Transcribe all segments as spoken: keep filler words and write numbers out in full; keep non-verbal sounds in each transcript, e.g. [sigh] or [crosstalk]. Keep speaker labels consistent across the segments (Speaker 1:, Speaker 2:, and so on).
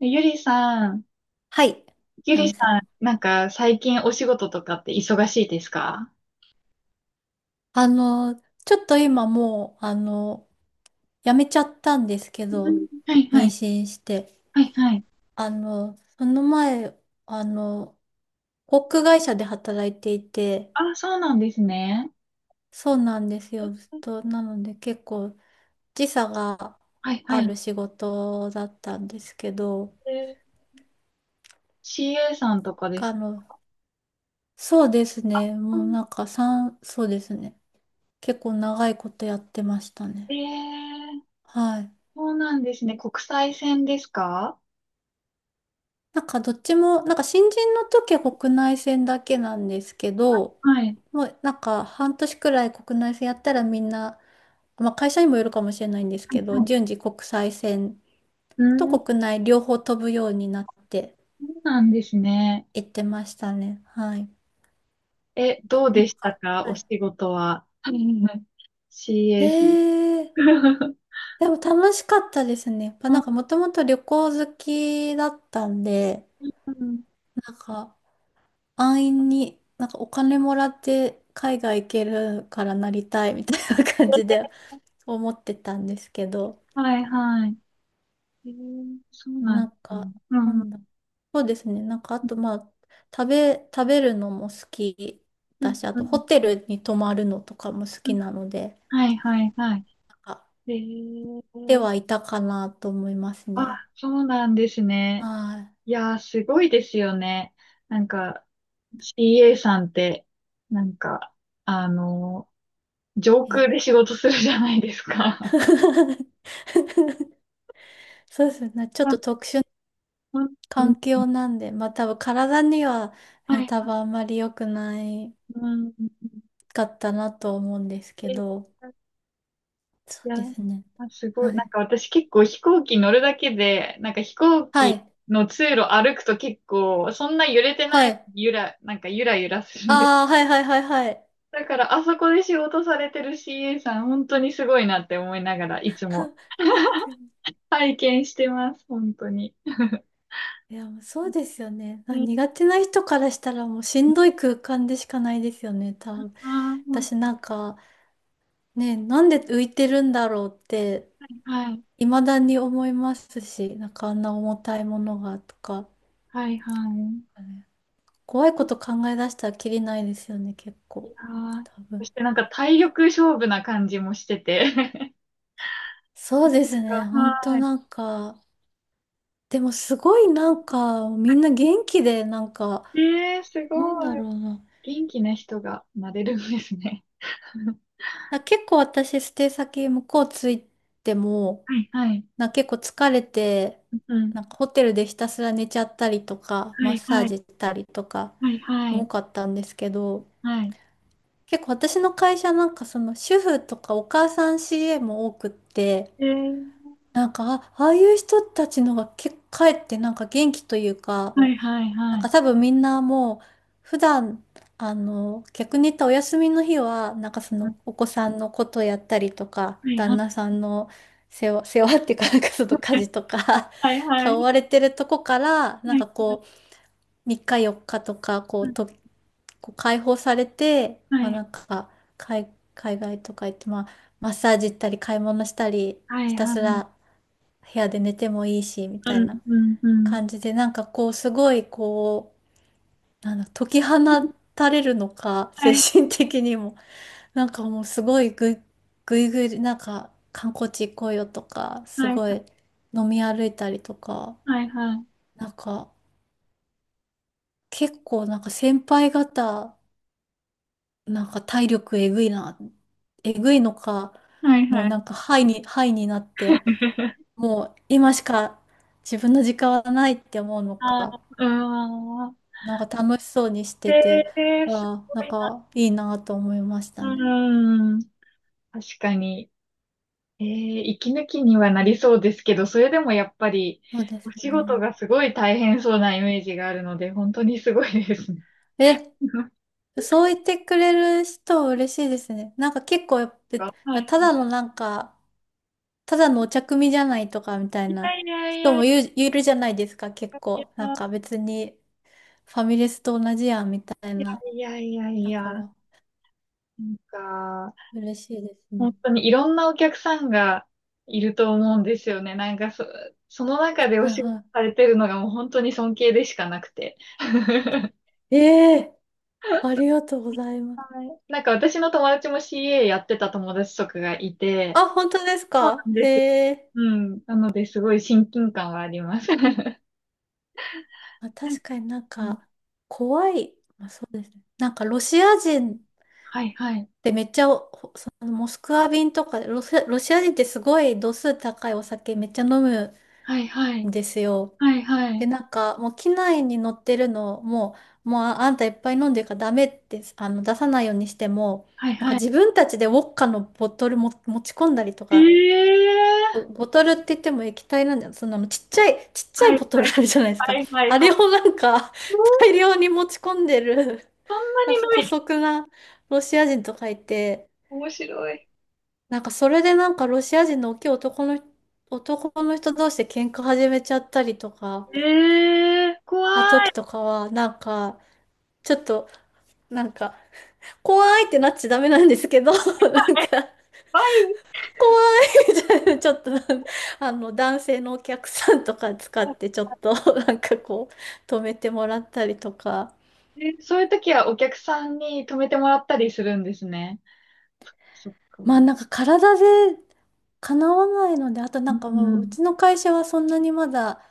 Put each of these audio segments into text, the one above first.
Speaker 1: ゆりさん、
Speaker 2: はい、
Speaker 1: ゆ
Speaker 2: ハ
Speaker 1: り
Speaker 2: ミ
Speaker 1: さ
Speaker 2: さ
Speaker 1: ん、
Speaker 2: ん。
Speaker 1: なんか最近お仕事とかって忙しいですか？
Speaker 2: あの、ちょっと今もう、あの、やめちゃったんですけ
Speaker 1: う
Speaker 2: ど、
Speaker 1: ん、はいは
Speaker 2: 妊
Speaker 1: い。
Speaker 2: 娠して。
Speaker 1: はいはい。
Speaker 2: あの、その前、あの、航空会社で働いていて、
Speaker 1: あ、そうなんですね。
Speaker 2: そうなんですよ、ずっと。なので結構時差が
Speaker 1: はいは
Speaker 2: あ
Speaker 1: い。
Speaker 2: る仕事だったんですけど、
Speaker 1: えー、 シーエー さんとかです
Speaker 2: あ
Speaker 1: か？
Speaker 2: の、そうですね、
Speaker 1: う
Speaker 2: もう
Speaker 1: ん。
Speaker 2: なんかさん、そうですね、結構長いことやってました
Speaker 1: え
Speaker 2: ね。
Speaker 1: ー、
Speaker 2: はい。
Speaker 1: そうなんですね。国際線ですか？
Speaker 2: なんかどっちも、なんか新人の時は国内線だけなんですけど、
Speaker 1: はい。はい
Speaker 2: もうなんか半年くらい国内線やったらみんな、まあ会社にもよるかもしれないんです
Speaker 1: は
Speaker 2: けど、
Speaker 1: い。
Speaker 2: 順次国際線
Speaker 1: う
Speaker 2: と
Speaker 1: ん、そ
Speaker 2: 国内両方飛ぶようになって
Speaker 1: うなんですね。
Speaker 2: 行ってましたね。はい。
Speaker 1: え、どうでしたか
Speaker 2: は
Speaker 1: お
Speaker 2: い。
Speaker 1: 仕事は。はいはい。
Speaker 2: へ
Speaker 1: シーエー さん。
Speaker 2: え、
Speaker 1: [laughs]
Speaker 2: でも楽しかったですね。やっぱ
Speaker 1: う
Speaker 2: な
Speaker 1: ん、
Speaker 2: んかもともと旅行好きだったんで、
Speaker 1: うん。
Speaker 2: なんか安易になんかお金もらって海外行けるからなりたいみたいな感じで思ってたんですけど、
Speaker 1: はいはい。えー、そうなん
Speaker 2: な
Speaker 1: で
Speaker 2: ん
Speaker 1: す
Speaker 2: か、
Speaker 1: ね。う
Speaker 2: な
Speaker 1: ん、うん、
Speaker 2: んだ、そうですね、なんかあとまあ、食べ、食べるのも好き
Speaker 1: う
Speaker 2: だし、あとホ
Speaker 1: ん、
Speaker 2: テルに泊まるのとかも好
Speaker 1: う
Speaker 2: き
Speaker 1: ん。
Speaker 2: なので、
Speaker 1: はい、はい、はい。
Speaker 2: なんか、
Speaker 1: え
Speaker 2: で
Speaker 1: ー、
Speaker 2: はいたかなと思います
Speaker 1: あ、
Speaker 2: ね。
Speaker 1: そうなんですね。
Speaker 2: は
Speaker 1: いやー、すごいですよね。なんか、シーエー さんって、なんか、あのー、上
Speaker 2: い。え
Speaker 1: 空で仕事するじゃないですか。
Speaker 2: [laughs] そうですね、ち
Speaker 1: [laughs]
Speaker 2: ょっ
Speaker 1: うん、
Speaker 2: と特殊な
Speaker 1: うん、うん、
Speaker 2: 環境なんで、まあ多分体には、
Speaker 1: は
Speaker 2: ね、
Speaker 1: い、
Speaker 2: 多分あんまり良くない
Speaker 1: うん。うん、うん。
Speaker 2: かったなと思うんですけど、そ
Speaker 1: い
Speaker 2: う
Speaker 1: や、
Speaker 2: ですね。
Speaker 1: あすごい。
Speaker 2: は
Speaker 1: なん
Speaker 2: い。
Speaker 1: か私結構飛行機乗るだけで、なんか飛行
Speaker 2: は
Speaker 1: 機
Speaker 2: い。
Speaker 1: の通路歩くと結構、そんな揺れてな
Speaker 2: は
Speaker 1: い、
Speaker 2: い。
Speaker 1: ゆら、なんかゆらゆらするんです。
Speaker 2: ああ、はいはいはいはい。
Speaker 1: だからあそこで仕事されてる シーエー さん、本当にすごいなって思いながら、いつ
Speaker 2: [laughs]
Speaker 1: も
Speaker 2: 確かに。
Speaker 1: 拝見してます、本当に。
Speaker 2: いや、もうそうですよね。
Speaker 1: う
Speaker 2: まあ
Speaker 1: ん、
Speaker 2: 苦手な人からしたらもうしんどい空間でしかないですよね、多分。
Speaker 1: あー本
Speaker 2: 私なんか、ね、なんで浮いてるんだろうって、
Speaker 1: 当に、はい、
Speaker 2: 未だに思いますし、なんかあんな重たいものがとか、
Speaker 1: はい、はい。
Speaker 2: ね、怖いこと考え出したらきりないですよね、結構。
Speaker 1: あー、
Speaker 2: 多
Speaker 1: そ
Speaker 2: 分。
Speaker 1: してなんか体力勝負な感じもしてて。[laughs]
Speaker 2: そうですね、本当な
Speaker 1: は
Speaker 2: んか、でもすごいなんか、みんな元気で、なんか、
Speaker 1: い。えー、す
Speaker 2: な
Speaker 1: ご
Speaker 2: んだ
Speaker 1: い。
Speaker 2: ろうな。
Speaker 1: 元気な人がなれるんですね。
Speaker 2: あ、結構私、ステイ先向こう着いても、
Speaker 1: はいはい。
Speaker 2: な、結構疲れて、
Speaker 1: うん。
Speaker 2: なんかホテルでひたすら寝ちゃったりとか、
Speaker 1: は
Speaker 2: マッ
Speaker 1: い
Speaker 2: サー
Speaker 1: はい。
Speaker 2: ジしたりとか、
Speaker 1: はいは
Speaker 2: 多
Speaker 1: い。
Speaker 2: かったんですけど、
Speaker 1: はい。
Speaker 2: 結構私の会社なんかその主婦とかお母さん シーエー も多くって、
Speaker 1: えー、
Speaker 2: なんか、あ、ああいう人たちのが結構帰ってなんか元気というか、
Speaker 1: はい、はい、
Speaker 2: な
Speaker 1: は
Speaker 2: ん
Speaker 1: い。
Speaker 2: か多分みんなもう普段、あの逆に言ったお休みの日はなんかそ
Speaker 1: うん、
Speaker 2: のお子さんのことやったりとか
Speaker 1: はい
Speaker 2: 旦
Speaker 1: は
Speaker 2: 那さんの世話、世話っていうかなんかその家
Speaker 1: い。
Speaker 2: 事とか
Speaker 1: はい
Speaker 2: [laughs]
Speaker 1: はい。
Speaker 2: 顔われてるとこからなん
Speaker 1: はい
Speaker 2: かこうみっかよっかとかこう
Speaker 1: は
Speaker 2: とこう解放されて、まあ、
Speaker 1: い。
Speaker 2: なんか海、海外とか行って、まあ、マッサージ行ったり買い物したり
Speaker 1: は
Speaker 2: ひ
Speaker 1: い
Speaker 2: た
Speaker 1: は
Speaker 2: す
Speaker 1: い。
Speaker 2: ら部屋で寝てもいいしみ
Speaker 1: う
Speaker 2: たい
Speaker 1: ん
Speaker 2: な
Speaker 1: うんうん。
Speaker 2: 感じでなんかこうすごいこう。なんだ、解き放たれるのか、精
Speaker 1: はい、
Speaker 2: 神的にも。[laughs] なんかもうすごいぐい、ぐいぐい、なんか観光地行こうよとか、す
Speaker 1: はい、
Speaker 2: ごい飲み歩いたりとか、
Speaker 1: はい、はい。
Speaker 2: なんか結構なんか先輩方、なんか体力えぐいな、えぐいのか、
Speaker 1: はい
Speaker 2: も
Speaker 1: は
Speaker 2: う
Speaker 1: い。
Speaker 2: なんかハイに、ハイになって、
Speaker 1: [laughs]
Speaker 2: もう今しか自分の時間はないって思うの
Speaker 1: ああ、
Speaker 2: か、
Speaker 1: うーん。
Speaker 2: なんか楽しそうにし
Speaker 1: え
Speaker 2: てて、
Speaker 1: ー、す
Speaker 2: ああ、
Speaker 1: ご
Speaker 2: なん
Speaker 1: い
Speaker 2: かいいなと思いました
Speaker 1: な。う
Speaker 2: ね。
Speaker 1: ーん。確かに。えー、息抜きにはなりそうですけど、それでもやっぱり、
Speaker 2: そうで
Speaker 1: お
Speaker 2: す
Speaker 1: 仕事
Speaker 2: ね。
Speaker 1: がすごい大変そうなイメージがあるので、本当にすごいですね。
Speaker 2: え、そう言ってくれる人嬉しいですね。なんか結構やっ
Speaker 1: か。は
Speaker 2: ぱ、
Speaker 1: い。
Speaker 2: ただのなんか、ただのお茶組じゃないとかみたい
Speaker 1: い
Speaker 2: な
Speaker 1: やいやい
Speaker 2: 人
Speaker 1: やい
Speaker 2: もいる、いるじゃないですか、結構。なん
Speaker 1: や、
Speaker 2: か別にファミレスと同じやんみたい
Speaker 1: い
Speaker 2: な。
Speaker 1: やいやい
Speaker 2: だ
Speaker 1: や、
Speaker 2: か
Speaker 1: なん
Speaker 2: ら
Speaker 1: か、
Speaker 2: 嬉しいです
Speaker 1: 本
Speaker 2: ね。
Speaker 1: 当にいろんなお客さんがいると思うんですよね。なんかそ、その中でお
Speaker 2: はい
Speaker 1: 仕事
Speaker 2: は
Speaker 1: されてるのがもう本当に尊敬でしかなくて。
Speaker 2: い。ええ、ありがとうございます。
Speaker 1: はい。なんか私の友達も シーエー やってた友達とかがいて、
Speaker 2: あ、本当です
Speaker 1: そう
Speaker 2: か、
Speaker 1: なん
Speaker 2: へ
Speaker 1: ですよ。
Speaker 2: え。
Speaker 1: うん。なので、すごい親近感はあります。[laughs]
Speaker 2: まあ、確かになん
Speaker 1: うん、
Speaker 2: か、怖い。まあ、そうですね。なんかロシア人
Speaker 1: はいはい。
Speaker 2: で、めっちゃお、そのモスクワ便とか、ロシア、ロシア人ってすごい度数高いお酒めっちゃ飲む
Speaker 1: はいはい。
Speaker 2: んですよ。
Speaker 1: はいは
Speaker 2: で、
Speaker 1: い。
Speaker 2: なんか、もう機内に乗ってるの、もう、もうああんたいっぱい飲んでるからダメって、あの、出さないようにしても、
Speaker 1: はい
Speaker 2: なんか
Speaker 1: はい。
Speaker 2: 自分たちでウォッカのボトルも持ち込んだりと
Speaker 1: え
Speaker 2: か、ボ、
Speaker 1: え、
Speaker 2: ボトルって言っても液体なんだよ。そんなのちっちゃい、ちっちゃい
Speaker 1: はい、
Speaker 2: ボト
Speaker 1: は
Speaker 2: ル
Speaker 1: い、
Speaker 2: あるじゃないですか。
Speaker 1: はい、
Speaker 2: あ
Speaker 1: は
Speaker 2: れを
Speaker 1: い、
Speaker 2: なんか、
Speaker 1: そ
Speaker 2: 大量に持ち込んでる、
Speaker 1: ん
Speaker 2: なんか
Speaker 1: なに
Speaker 2: 姑
Speaker 1: ない。
Speaker 2: 息なロシア人とかいて、
Speaker 1: 面白い。
Speaker 2: なんかそれでなんかロシア人の大きい男の、男の人同士で喧嘩始めちゃったりとか、
Speaker 1: ええ、怖
Speaker 2: した
Speaker 1: い。
Speaker 2: 時とかは、なんか、ちょっと、なんか、怖いってなっちゃダメなんですけど、[laughs] なんか、
Speaker 1: バ、
Speaker 2: ちょっと、あの、男性のお客さんとか使って、ちょっと、なんかこう、止めてもらったりとか、
Speaker 1: えそういう時はお客さんに止めてもらったりするんですね。そっか。う
Speaker 2: まあ
Speaker 1: ん、
Speaker 2: なんか体で叶わないので、あとな
Speaker 1: う
Speaker 2: んかもう、う
Speaker 1: ん。
Speaker 2: ちの会社はそんなにまだ、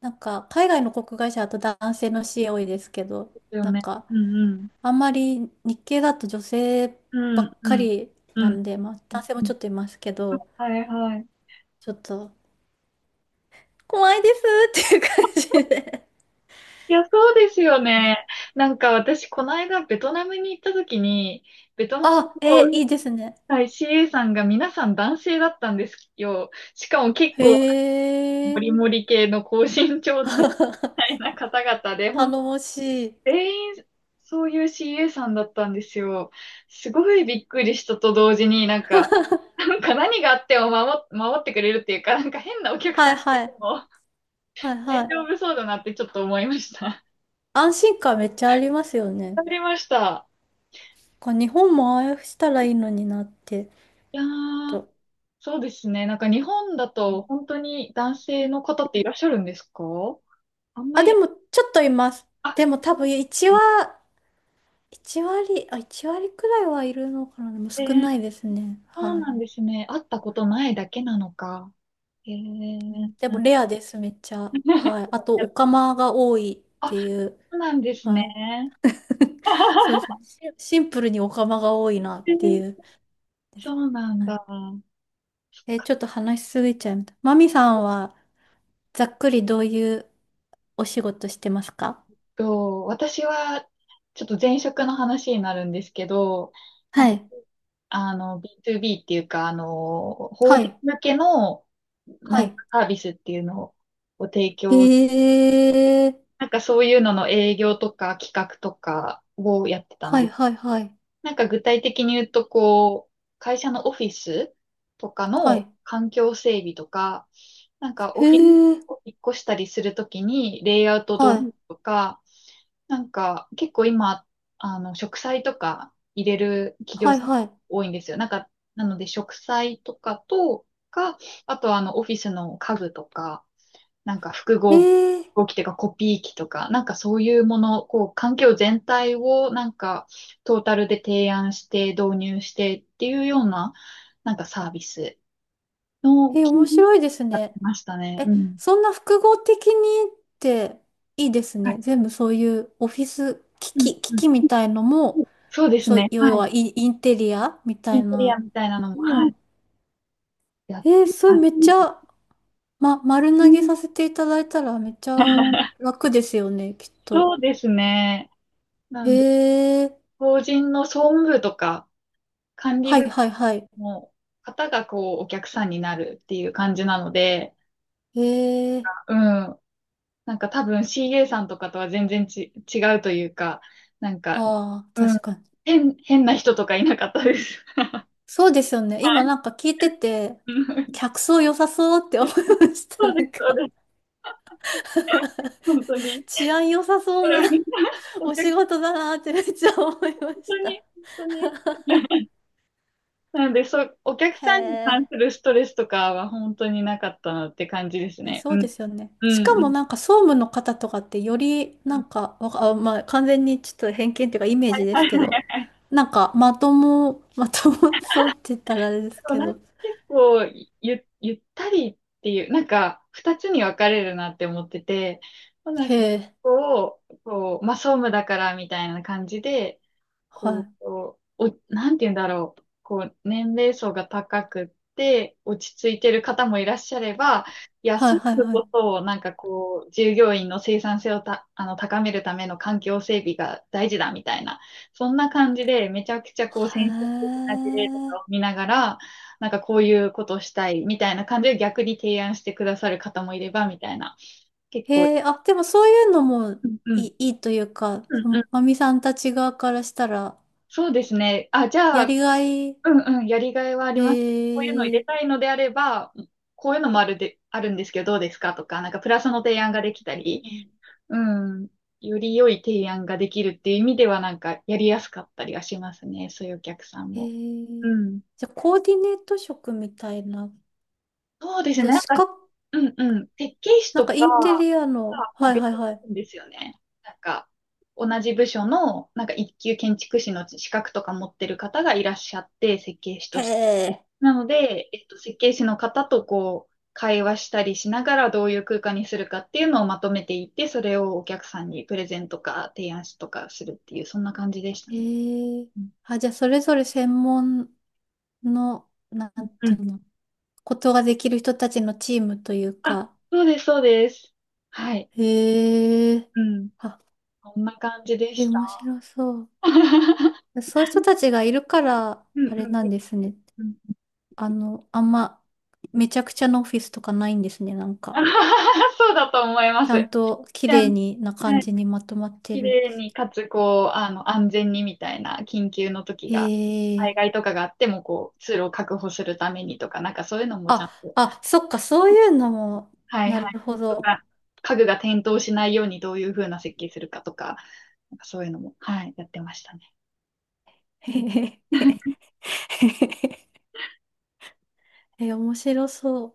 Speaker 2: なんか、海外の航空会社だと男性の シーエー 多いですけど、
Speaker 1: ですよ
Speaker 2: なん
Speaker 1: ね。
Speaker 2: か、
Speaker 1: うん、うん。
Speaker 2: あんまり日系だと女性
Speaker 1: う
Speaker 2: ばっ
Speaker 1: ん、う
Speaker 2: か
Speaker 1: ん。
Speaker 2: り
Speaker 1: う
Speaker 2: な
Speaker 1: ん。
Speaker 2: んで、まあ男性もちょっといますけど、
Speaker 1: はいはい。
Speaker 2: ちょっと怖いですっていう感じで。
Speaker 1: いや、そうですよ
Speaker 2: [laughs] ね、
Speaker 1: ね。なんか私、この間ベトナムに行った時に、ベトナム
Speaker 2: あ、えー
Speaker 1: の、
Speaker 2: いいですね。
Speaker 1: はい、シーエー さんが皆さん男性だったんですよ。しかも結
Speaker 2: へ
Speaker 1: 構、モ
Speaker 2: え。
Speaker 1: リモリ系の高身長男た
Speaker 2: [laughs]
Speaker 1: いな方々で、
Speaker 2: 頼
Speaker 1: 本当
Speaker 2: もしい。
Speaker 1: 全員そういう シーエー さんだったんですよ。すごいびっくりしたと同時に、なんか、なんか何があっても守、守ってくれるっていうか、なんか変なお客さ
Speaker 2: はい
Speaker 1: んっていう
Speaker 2: は
Speaker 1: の
Speaker 2: い。
Speaker 1: も
Speaker 2: はい
Speaker 1: 大
Speaker 2: はい。
Speaker 1: 丈夫そうだなってちょっと思いました。
Speaker 2: 安心感めっちゃありますよ
Speaker 1: [laughs]
Speaker 2: ね。
Speaker 1: わかりました。
Speaker 2: こう日本もああいうふうしたらいいのになって。
Speaker 1: いやー、
Speaker 2: と。
Speaker 1: そうですね。なんか日本だと本当に男性の方っていらっしゃるんですか？あんま
Speaker 2: あ、で
Speaker 1: り、
Speaker 2: もちょっといます。
Speaker 1: あ、
Speaker 2: でも多分いちはいち割、あ、いち割くらいはいるのかな。でも
Speaker 1: え
Speaker 2: 少
Speaker 1: ー、
Speaker 2: ないですね。
Speaker 1: そう
Speaker 2: はい。
Speaker 1: なんですね。会ったことないだけなのか。え
Speaker 2: う
Speaker 1: ー、
Speaker 2: ん、でもレアです、めっちゃ。はい。
Speaker 1: [laughs]
Speaker 2: あと、オカマが多いっていう。
Speaker 1: そうなんですね。
Speaker 2: はい。[laughs] そうですね。シンシンプルにオカマが多いなっ
Speaker 1: え
Speaker 2: ていう
Speaker 1: ー、
Speaker 2: で
Speaker 1: そ
Speaker 2: す。
Speaker 1: うなん
Speaker 2: はい。
Speaker 1: だ。
Speaker 2: え、ちょっと話しすぎちゃいました。マミさんは、ざっくりどういうお仕事してますか？
Speaker 1: と、私は、ちょっと前職の話になるんですけど、なん
Speaker 2: は
Speaker 1: か、
Speaker 2: い。
Speaker 1: あの、ビーツービー っていうか、あの、法
Speaker 2: は
Speaker 1: 人
Speaker 2: い。
Speaker 1: 向けの、
Speaker 2: は
Speaker 1: なんか
Speaker 2: い。
Speaker 1: サービスっていうのを提
Speaker 2: へ
Speaker 1: 供、
Speaker 2: え。
Speaker 1: なんかそういうのの営業とか企画とかをやってたん
Speaker 2: はい
Speaker 1: です。
Speaker 2: はいはい。
Speaker 1: なんか具体的に言うと、こう、会社のオフィスとか
Speaker 2: は
Speaker 1: の
Speaker 2: い。
Speaker 1: 環境整備とか、なんかオ
Speaker 2: へ
Speaker 1: フィス
Speaker 2: え。
Speaker 1: を引っ越したりするときにレイアウトどう
Speaker 2: はい。
Speaker 1: とか、なんか結構今、あの、植栽とか入れる企業
Speaker 2: はい
Speaker 1: さん
Speaker 2: はい。
Speaker 1: 多いんですよ。なんか、なので植栽とかとか、あとはあの、オフィスの家具とか、なんか複合
Speaker 2: えー、
Speaker 1: 合機というかコピー機とか、なんかそういうもの、こう、環境全体をなんかトータルで提案して導入してっていうような、なんかサービスの
Speaker 2: え、面
Speaker 1: 企融
Speaker 2: 白いです
Speaker 1: やって
Speaker 2: ね。
Speaker 1: ましたね。
Speaker 2: え、
Speaker 1: うん。
Speaker 2: そんな複合的にっていいです
Speaker 1: は
Speaker 2: ね。
Speaker 1: い。
Speaker 2: 全部そういうオフィス機
Speaker 1: うん、
Speaker 2: 器、機
Speaker 1: うん。
Speaker 2: 器みたいのも、
Speaker 1: そうです
Speaker 2: そう、
Speaker 1: ね。は
Speaker 2: 要
Speaker 1: い。
Speaker 2: はイン、インテリアみた
Speaker 1: イン
Speaker 2: い
Speaker 1: テリア
Speaker 2: な
Speaker 1: みたいなのも、
Speaker 2: の
Speaker 1: はい。
Speaker 2: も、
Speaker 1: やっ
Speaker 2: えー、
Speaker 1: て
Speaker 2: それ
Speaker 1: ま
Speaker 2: めっち
Speaker 1: す。
Speaker 2: ゃ、ま、丸
Speaker 1: う
Speaker 2: 投げ
Speaker 1: ん。
Speaker 2: させていただいたらめっちゃ
Speaker 1: [laughs]
Speaker 2: 楽ですよね、きっと。
Speaker 1: そうですね。なんで、
Speaker 2: えー、
Speaker 1: 法人の総務部とか管理
Speaker 2: はい
Speaker 1: 部
Speaker 2: はいはい。
Speaker 1: の方がこう、お客さんになるっていう感じなので、
Speaker 2: えー、
Speaker 1: うん。なんか多分 シーエー さんとかとは全然ち、違うというか、なんか、
Speaker 2: はあ、
Speaker 1: うん。
Speaker 2: 確かに。
Speaker 1: 変、変な人とかいなかったです。[laughs] は
Speaker 2: そうですよね。今なん
Speaker 1: い。
Speaker 2: か聞いてて、
Speaker 1: うん、
Speaker 2: 客層良さそうって思いまし
Speaker 1: そ
Speaker 2: た。な
Speaker 1: うで
Speaker 2: ん
Speaker 1: す、そうで
Speaker 2: か
Speaker 1: す。
Speaker 2: [laughs]
Speaker 1: 本当に。
Speaker 2: 治安良さそうな
Speaker 1: うん、お
Speaker 2: お
Speaker 1: 客、
Speaker 2: 仕事だなってめっちゃ思いま
Speaker 1: 本当
Speaker 2: し
Speaker 1: に、
Speaker 2: た。
Speaker 1: 本当に。なので、そう、お客
Speaker 2: へ
Speaker 1: さんに
Speaker 2: え。
Speaker 1: 関するストレスとかは本当になかったなって感じです
Speaker 2: え、
Speaker 1: ね。
Speaker 2: そう
Speaker 1: うん。
Speaker 2: ですよね。
Speaker 1: う
Speaker 2: し
Speaker 1: ん、
Speaker 2: か
Speaker 1: う
Speaker 2: も
Speaker 1: ん。
Speaker 2: なんか総務の方とかってより
Speaker 1: う
Speaker 2: な
Speaker 1: ん、
Speaker 2: んか、わかあ、まあ完全にちょっと偏見っていうかイメージで
Speaker 1: は
Speaker 2: す
Speaker 1: い。
Speaker 2: け
Speaker 1: [laughs]
Speaker 2: ど、なんかまとも、まともそうって言ったらあれです
Speaker 1: でも
Speaker 2: け
Speaker 1: なん
Speaker 2: ど。
Speaker 1: か結構ゆ、ゆったりっていう、なんか二つに分かれるなって思ってて、なん
Speaker 2: へ
Speaker 1: か
Speaker 2: え。
Speaker 1: こう、こう、まあ総務だからみたいな感じで、
Speaker 2: は
Speaker 1: こ
Speaker 2: い。
Speaker 1: う、お、なんて言うんだろう。こう、年齢層が高くって、落ち着いてる方もいらっしゃれば、いや、
Speaker 2: はい
Speaker 1: そうい
Speaker 2: はい
Speaker 1: う
Speaker 2: は
Speaker 1: こ
Speaker 2: い。
Speaker 1: とを、なんかこう、従業員の生産性をた、あの、高めるための環境整備が大事だみたいな、そんな感じで、めちゃくちゃこう、先進的
Speaker 2: へ
Speaker 1: な事例とかを
Speaker 2: え。
Speaker 1: 見ながら、なんかこういうことをしたいみたいな感じで逆に提案してくださる方もいれば、みたいな。結構、
Speaker 2: へえ、あ、でもそういうのも
Speaker 1: うん、う
Speaker 2: い
Speaker 1: ん。
Speaker 2: い、いいというか、
Speaker 1: う
Speaker 2: その、
Speaker 1: ん、
Speaker 2: まみさんたち側からしたら、
Speaker 1: そうですね。あ、じゃ
Speaker 2: や
Speaker 1: あ、
Speaker 2: りがい、
Speaker 1: うん、うん、やりがいはあります。こういうの入
Speaker 2: へえ、
Speaker 1: れたいのであれば、こういうのもあるで、あるんですけど、どうですかとか、なんかプラスの提案ができたり、
Speaker 2: うん、
Speaker 1: うん、より良い提案ができるっていう意味では、なんかやりやすかったりはしますね。そういうお客さん
Speaker 2: へ
Speaker 1: も。
Speaker 2: え、
Speaker 1: うん。
Speaker 2: じゃあ、コーディネート職みたいな。
Speaker 1: そうですね。
Speaker 2: じゃあ、
Speaker 1: なん
Speaker 2: 資
Speaker 1: か、
Speaker 2: 格、
Speaker 1: うん、うん。設計士
Speaker 2: なん
Speaker 1: と
Speaker 2: かイ
Speaker 1: か
Speaker 2: ンテ
Speaker 1: は
Speaker 2: リアの、
Speaker 1: も
Speaker 2: は
Speaker 1: う
Speaker 2: い
Speaker 1: 別に
Speaker 2: はいは
Speaker 1: い
Speaker 2: い。
Speaker 1: るんですよね。なんか、同じ部署の、なんか一級建築士の資格とか持ってる方がいらっしゃって、設計士
Speaker 2: へ
Speaker 1: として、
Speaker 2: え、
Speaker 1: なので、えっと、設計士の方とこう、会話したりしながらどういう空間にするかっていうのをまとめていって、それをお客さんにプレゼントか提案しとかするっていう、そんな感じでしたね。
Speaker 2: へえ、
Speaker 1: うん、
Speaker 2: あ、じゃあ、それぞれ専門の、な
Speaker 1: う
Speaker 2: んてい
Speaker 1: ん。
Speaker 2: うの、ことができる人たちのチームという
Speaker 1: あ、
Speaker 2: か、
Speaker 1: そうです、そうです。はい。
Speaker 2: へえ、
Speaker 1: うん。
Speaker 2: あ、
Speaker 1: こんな感じで
Speaker 2: え、
Speaker 1: し
Speaker 2: 面
Speaker 1: た。
Speaker 2: 白そう。
Speaker 1: [laughs]
Speaker 2: そういう人たちがいるから、
Speaker 1: うん、
Speaker 2: あれ
Speaker 1: うん。
Speaker 2: なんですね。
Speaker 1: うん、うん、
Speaker 2: あの、あんま、めちゃくちゃなオフィスとかないんですね、なん
Speaker 1: あ
Speaker 2: か。
Speaker 1: ははは。 [laughs] そうだと思いま
Speaker 2: ちゃ
Speaker 1: す。
Speaker 2: んと綺
Speaker 1: じゃあ
Speaker 2: 麗にな感じにまとまって
Speaker 1: 綺
Speaker 2: るんで
Speaker 1: 麗
Speaker 2: す。
Speaker 1: に、かつ、こう、あの、安全にみたいな、緊急の時
Speaker 2: へ
Speaker 1: が、災
Speaker 2: え。
Speaker 1: 害とかがあっても、こう、通路を確保するためにとか、なんかそういうのもちゃん
Speaker 2: あ、
Speaker 1: と、
Speaker 2: あ、そっか、そういうのも、
Speaker 1: はい
Speaker 2: な
Speaker 1: は
Speaker 2: る
Speaker 1: い、
Speaker 2: ほ
Speaker 1: と
Speaker 2: ど。
Speaker 1: か、家具が転倒しないようにどういう風な設計するかとか、なんかそういうのも、はい、やってましたね。
Speaker 2: へへへへへ、へえ、面白そう。